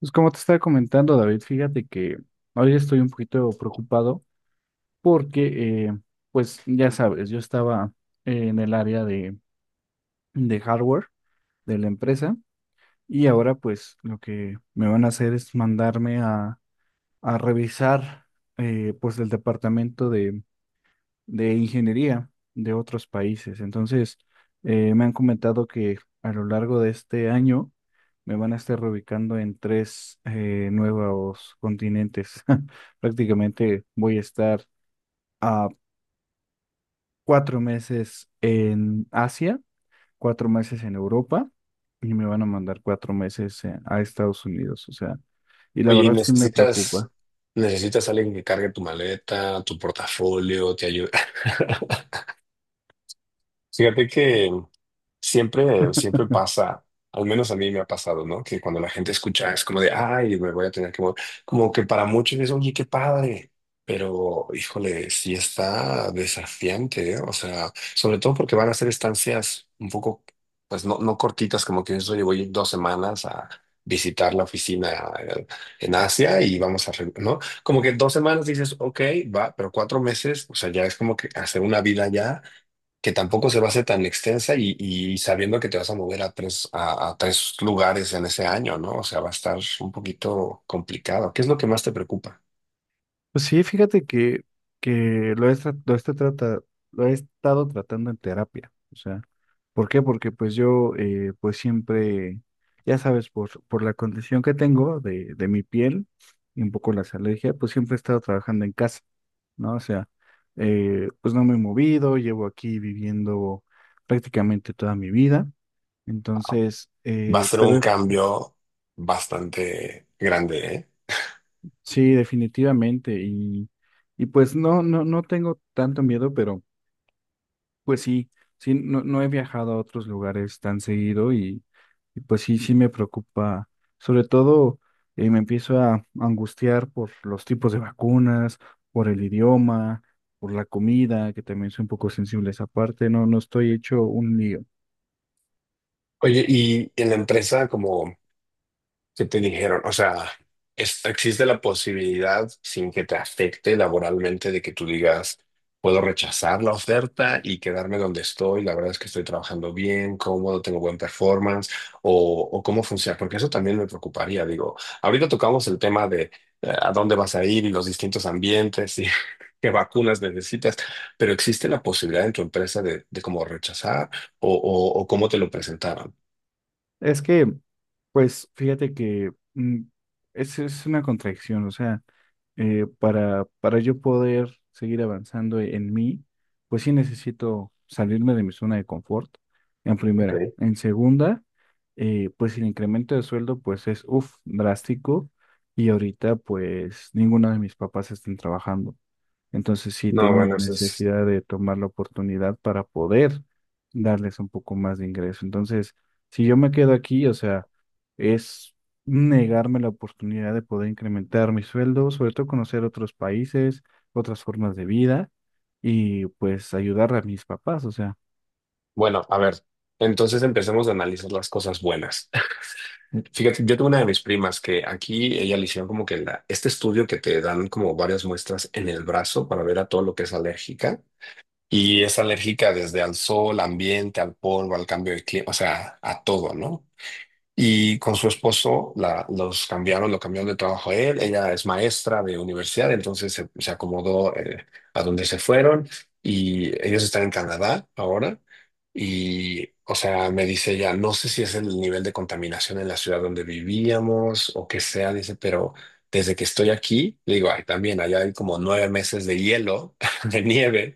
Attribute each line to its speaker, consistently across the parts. Speaker 1: Pues como te estaba comentando, David, fíjate que hoy estoy un poquito preocupado porque, pues ya sabes, yo estaba en el área de hardware de la empresa y ahora pues lo que me van a hacer es mandarme a revisar pues el departamento de ingeniería de otros países. Entonces, me han comentado que a lo largo de este año me van a estar reubicando en tres nuevos continentes. Prácticamente voy a estar a 4 meses en Asia, 4 meses en Europa y me van a mandar 4 meses a Estados Unidos. O sea, y la
Speaker 2: Oye,
Speaker 1: verdad sí me
Speaker 2: necesitas,
Speaker 1: preocupa.
Speaker 2: necesitas alguien que cargue tu maleta, tu portafolio, te ayude. Fíjate que siempre, siempre pasa, al menos a mí me ha pasado, ¿no? Que cuando la gente escucha es como de, ay, me voy a tener que mover. Como que para muchos es, oye, qué padre. Pero, híjole, sí está desafiante, ¿eh? O sea, sobre todo porque van a ser estancias un poco, pues no, no cortitas, como que dices, oye, voy 2 semanas a visitar la oficina eh, en Asia y vamos a, ¿no? Como que 2 semanas dices, ok, va, pero 4 meses, o sea, ya es como que hacer una vida allá que tampoco se va a hacer tan extensa y sabiendo que te vas a mover a tres, a tres lugares en ese año, ¿no? O sea, va a estar un poquito complicado. ¿Qué es lo que más te preocupa?
Speaker 1: Pues sí, fíjate que lo he estado tratando en terapia. O sea, ¿por qué? Porque pues yo pues siempre, ya sabes, por la condición que tengo de mi piel y un poco las alergias, pues siempre he estado trabajando en casa, ¿no? O sea, pues no me he movido, llevo aquí viviendo prácticamente toda mi vida. Entonces,
Speaker 2: Va a ser un
Speaker 1: pero
Speaker 2: cambio bastante grande, ¿eh?
Speaker 1: sí, definitivamente. Y pues no, no, no tengo tanto miedo, pero... Pues sí, sí, no, no he viajado a otros lugares tan seguido y pues sí, sí me preocupa. Sobre todo me empiezo a angustiar por los tipos de vacunas, por el idioma, por la comida, que también soy un poco sensible a esa parte, no, no estoy hecho un lío.
Speaker 2: Oye, y en la empresa, como ¿qué te dijeron? O sea, existe la posibilidad, sin que te afecte laboralmente, de que tú digas, puedo rechazar la oferta y quedarme donde estoy. La verdad es que estoy trabajando bien, cómodo, tengo buen performance. O, o cómo funciona, porque eso también me preocuparía. Digo, ahorita tocamos el tema de a dónde vas a ir y los distintos ambientes y qué vacunas necesitas, pero existe la posibilidad en tu empresa de cómo rechazar o, o cómo te lo presentaron.
Speaker 1: Es que, pues fíjate que es una contradicción, o sea. Para yo poder seguir avanzando en mí, pues sí necesito salirme de mi zona de confort, en
Speaker 2: Ok.
Speaker 1: primera. En segunda, pues el incremento de sueldo pues es, uff, drástico y ahorita pues ninguno de mis papás están trabajando. Entonces sí
Speaker 2: No,
Speaker 1: tengo la
Speaker 2: bueno, eso es.
Speaker 1: necesidad de tomar la oportunidad para poder darles un poco más de ingreso. Entonces, si yo me quedo aquí, o sea, es negarme la oportunidad de poder incrementar mi sueldo, sobre todo conocer otros países, otras formas de vida y pues ayudar a mis papás, o sea.
Speaker 2: Bueno, a ver, entonces empecemos a analizar las cosas buenas. Fíjate, yo tuve una de mis primas que aquí ella le hicieron como que este estudio que te dan como varias muestras en el brazo para ver a todo lo que es alérgica. Y es alérgica desde al sol, ambiente, al polvo, al cambio de clima, o sea, a todo, ¿no? Y con su esposo la, los cambiaron, lo cambiaron de trabajo a él. Ella es maestra de universidad, entonces se acomodó a donde se fueron y ellos están en Canadá ahora. Y, o sea, me dice ella, no sé si es el nivel de contaminación en la ciudad donde vivíamos o qué sea, dice, pero desde que estoy aquí, le digo, ay, también allá hay como 9 meses de hielo, de nieve.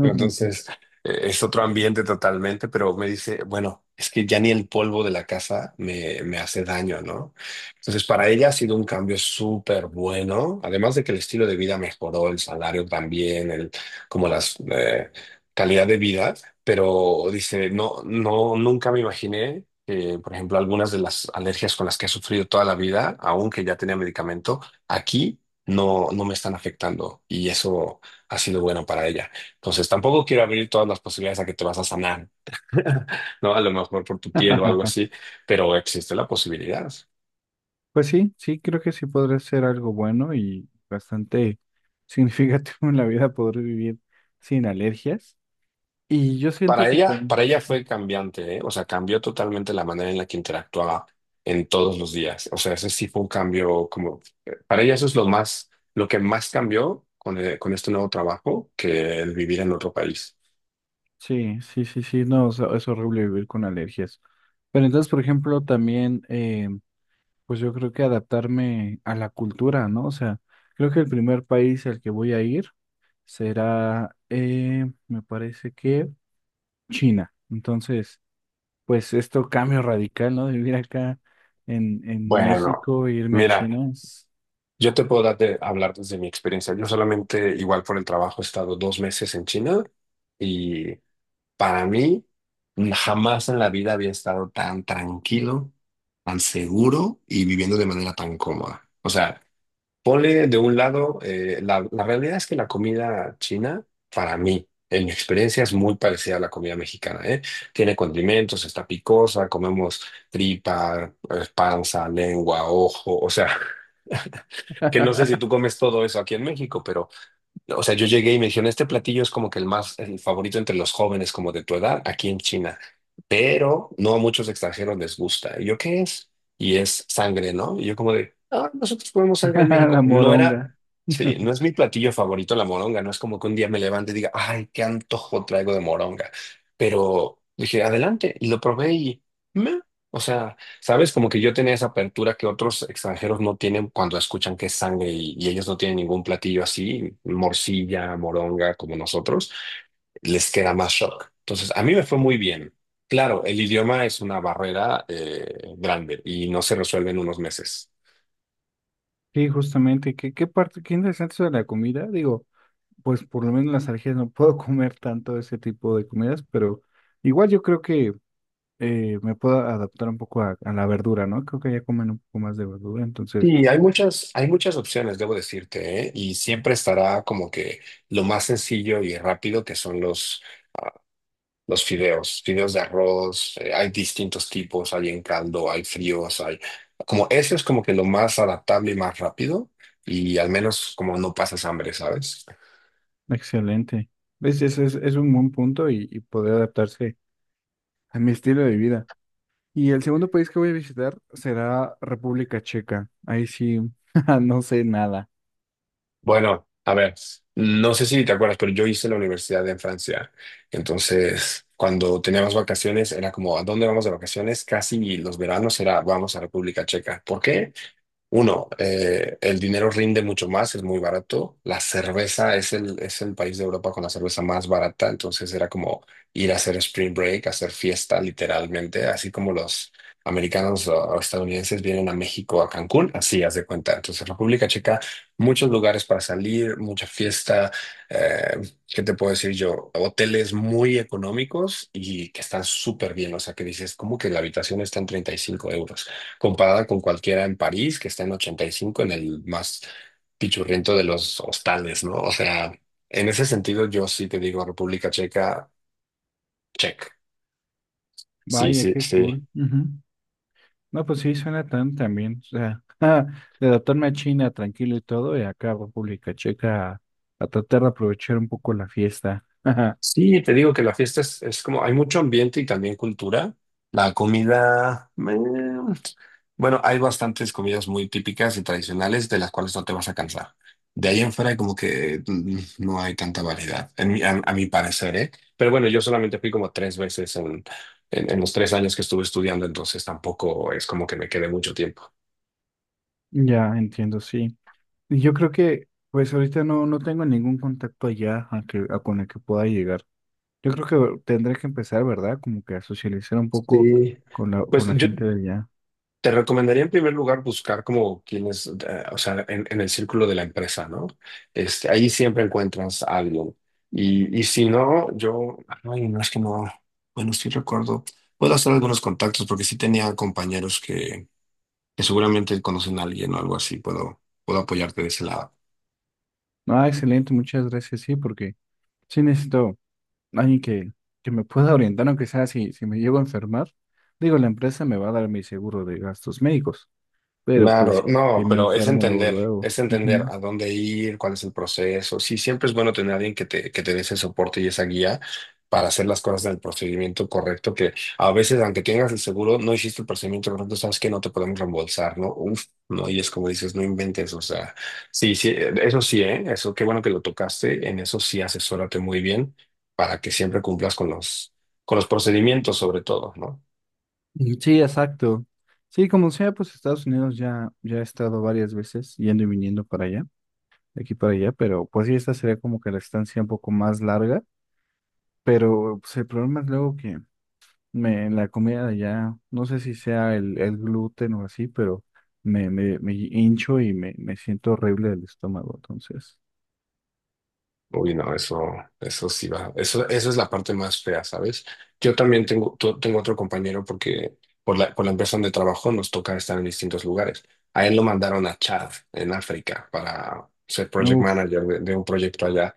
Speaker 2: Entonces, es otro ambiente totalmente, pero me dice, bueno, es que ya ni el polvo de la casa me hace daño, ¿no? Entonces, para ella ha sido un cambio súper bueno, además de que el estilo de vida mejoró, el salario también, el, como las calidad de vida, pero dice, no, no, nunca me imaginé que, por ejemplo, algunas de las alergias con las que he sufrido toda la vida, aunque ya tenía medicamento, aquí no, no me, están afectando y eso ha sido bueno para ella. Entonces, tampoco quiero abrir todas las posibilidades a que te vas a sanar, ¿no? A lo mejor por tu piel o algo así, pero existe la posibilidad.
Speaker 1: Pues sí, sí, creo que sí podría ser algo bueno y bastante significativo en la vida poder vivir sin alergias. Y yo siento que también...
Speaker 2: Para ella fue cambiante, ¿eh? O sea, cambió totalmente la manera en la que interactuaba en todos los días. O sea, ese sí fue un cambio como, para ella eso es lo más, lo que más cambió con este nuevo trabajo que el vivir en otro país.
Speaker 1: Sí, sí, sí, sí, no, o sea, es horrible vivir con alergias. Pero entonces, por ejemplo, también, pues yo creo que adaptarme a la cultura, ¿no? O sea, creo que el primer país al que voy a ir será, me parece que China. Entonces, pues esto cambio radical, ¿no? De vivir acá en
Speaker 2: Bueno,
Speaker 1: México e irme a
Speaker 2: mira,
Speaker 1: China. Es
Speaker 2: yo te puedo dar hablar desde mi experiencia. Yo solamente, igual por el trabajo, he estado 2 meses en China y para mí, jamás en la vida había estado tan tranquilo, tan seguro y viviendo de manera tan cómoda. O sea, ponle de un lado, la realidad es que la comida china, para mí, en mi experiencia, es muy parecida a la comida mexicana, ¿eh? Tiene condimentos, está picosa, comemos tripa, panza, lengua, ojo, o sea, que no sé si tú comes todo eso aquí en México, pero... O sea, yo llegué y me dijeron, este platillo es como que el más, el favorito entre los jóvenes como de tu edad aquí en China, pero no a muchos extranjeros les gusta. ¿Y yo qué es? Y es sangre, ¿no? Y yo como de, ah, nosotros comemos sangre en
Speaker 1: La
Speaker 2: México. No era,
Speaker 1: moronga.
Speaker 2: sí, no es mi platillo favorito la moronga, no es como que un día me levante y diga, ay, qué antojo traigo de moronga. Pero dije, adelante, y lo probé y, meh, o sea... ¿Sabes? Como que yo tenía esa apertura que otros extranjeros no tienen cuando escuchan que es sangre y ellos no tienen ningún platillo así, morcilla, moronga, como nosotros, les queda más shock. Entonces, a mí me fue muy bien. Claro, el idioma es una barrera grande y no se resuelve en unos meses.
Speaker 1: Sí, justamente, ¿ qué interesante eso de la comida? Digo, pues por lo menos en las alergias no puedo comer tanto ese tipo de comidas, pero igual yo creo que me puedo adaptar un poco a la verdura, ¿no? Creo que ya comen un poco más de verdura, entonces,
Speaker 2: Sí, hay muchas opciones, debo decirte, ¿eh? Y siempre estará como que lo más sencillo y rápido que son los fideos, fideos de arroz, hay distintos tipos, hay en caldo, hay fríos, hay... Como eso es como que lo más adaptable y más rápido y al menos como no pasas hambre, ¿sabes?
Speaker 1: excelente. ¿Ves? Ese es un buen punto y poder adaptarse a mi estilo de vida. Y el segundo país que voy a visitar será República Checa. Ahí sí, no sé nada.
Speaker 2: Bueno, a ver, no sé si te acuerdas, pero yo hice la universidad en Francia. Entonces, cuando teníamos vacaciones, era como, ¿a dónde vamos de vacaciones? Casi los veranos era, vamos a República Checa. ¿Por qué? Uno, el dinero rinde mucho más, es muy barato. La cerveza es el país de Europa con la cerveza más barata, entonces era como ir a hacer spring break, hacer fiesta literalmente, así como los americanos o estadounidenses vienen a México, a Cancún, así haz de cuenta. Entonces, República Checa, muchos lugares para salir, mucha fiesta, eh, ¿qué te puedo decir yo? Hoteles muy económicos y que están súper bien, o sea, que dices, como que la habitación está en 35 € comparada con cualquiera en París, que está en 85 en el más pichurriento de los hostales, ¿no? O sea, en ese sentido, yo sí te digo República Checa, check. Sí,
Speaker 1: Vaya,
Speaker 2: sí,
Speaker 1: qué
Speaker 2: sí.
Speaker 1: cool. Ujú. No, pues sí, suena tan también. O sea, de adaptarme a China tranquilo y todo, y acá a República Checa a tratar de aprovechar un poco la fiesta.
Speaker 2: Sí, te digo que la fiesta es como, hay mucho ambiente y también cultura. La comida, bueno, hay bastantes comidas muy típicas y tradicionales de las cuales no te vas a cansar. De ahí en fuera como que no hay tanta variedad, en a mi parecer, ¿eh? Pero bueno, yo solamente fui como tres veces en, en los 3 años que estuve estudiando, entonces tampoco es como que me quedé mucho tiempo.
Speaker 1: Ya entiendo, sí. Y yo creo que, pues ahorita no, no tengo ningún contacto allá a con el que pueda llegar. Yo creo que tendré que empezar, ¿verdad? Como que a socializar un poco
Speaker 2: Sí.
Speaker 1: con la,
Speaker 2: Pues
Speaker 1: con la
Speaker 2: yo
Speaker 1: gente de allá.
Speaker 2: te recomendaría en primer lugar buscar como quienes, o sea, en el círculo de la empresa, ¿no? Este, ahí siempre encuentras algo. Y si no, yo, ay, no es que no, bueno, sí recuerdo, puedo hacer algunos contactos porque sí tenía compañeros que seguramente conocen a alguien o algo así, puedo, puedo apoyarte de ese lado.
Speaker 1: Ah, excelente, muchas gracias, sí, porque sí necesito alguien que me pueda orientar, aunque sea si me llego a enfermar. Digo, la empresa me va a dar mi seguro de gastos médicos, pero pues
Speaker 2: Claro,
Speaker 1: si
Speaker 2: no,
Speaker 1: me
Speaker 2: pero
Speaker 1: enfermo luego, luego.
Speaker 2: es entender
Speaker 1: Ujú.
Speaker 2: a dónde ir, cuál es el proceso. Sí, siempre es bueno tener a alguien que te dé ese soporte y esa guía para hacer las cosas del procedimiento correcto, que a veces, aunque tengas el seguro, no hiciste el procedimiento correcto, sabes que no te podemos reembolsar, ¿no? Uf, no, y es como dices, no inventes, o sea, sí, sí, eso sí, ¿eh? Eso, qué bueno que lo tocaste, en eso sí asesórate muy bien para que siempre cumplas con los procedimientos sobre todo, ¿no?
Speaker 1: Y sí, exacto. Sí, como sea, pues Estados Unidos ya he estado varias veces yendo y viniendo para allá, de aquí para allá, pero pues sí, esta sería como que la estancia un poco más larga, pero pues el problema es luego que la comida de allá, no sé si sea el gluten o así, pero me hincho y me siento horrible del estómago, entonces.
Speaker 2: Uy, no, eso sí va. Eso es la parte más fea, ¿sabes? Yo también tengo otro compañero porque por la empresa donde trabajo nos toca estar en distintos lugares. A él lo mandaron a Chad, en África, para ser project
Speaker 1: Uf,
Speaker 2: manager de, un proyecto allá.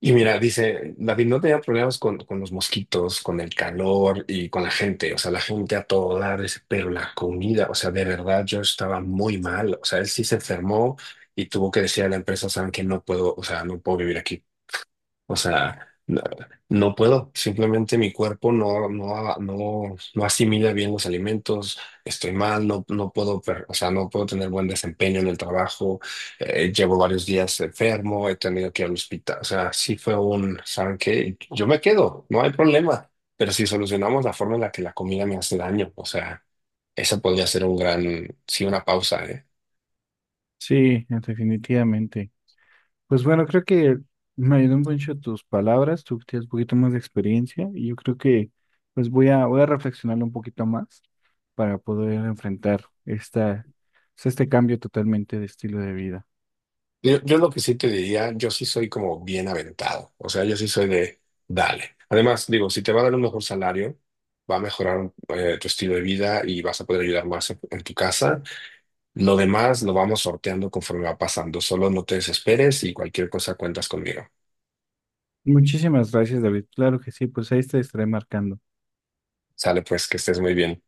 Speaker 2: Y mira, dice, David no tenía problemas con, los mosquitos, con el calor y con la gente. O sea, la gente a todo dar, dice, pero la comida, o sea, de verdad yo estaba muy mal. O sea, él sí se enfermó y tuvo que decir a la empresa, saben que no puedo, o sea, no puedo vivir aquí. O sea, no, no puedo, simplemente mi cuerpo no, no, no, no asimila bien los alimentos, estoy mal, no, no puedo, o sea, no puedo tener buen desempeño en el trabajo, llevo varios días enfermo, he tenido que ir al hospital, o sea, sí fue un, ¿saben qué? Yo me quedo, no hay problema, pero si solucionamos la forma en la que la comida me hace daño, o sea, esa podría ser un gran, sí, una pausa, ¿eh?
Speaker 1: sí, definitivamente. Pues bueno, creo que me ayudó mucho tus palabras, tú que tienes un poquito más de experiencia y yo creo que pues voy a, reflexionarlo un poquito más para poder enfrentar esta, pues, este cambio totalmente de estilo de vida.
Speaker 2: Yo lo que sí te diría, yo sí soy como bien aventado, o sea, yo sí soy de, dale. Además, digo, si te va a dar un mejor salario, va a mejorar tu estilo de vida y vas a poder ayudar más en tu casa. Lo demás lo vamos sorteando conforme va pasando, solo no te desesperes y cualquier cosa cuentas conmigo.
Speaker 1: Muchísimas gracias, David. Claro que sí, pues ahí te estaré marcando.
Speaker 2: Sale pues, que estés muy bien.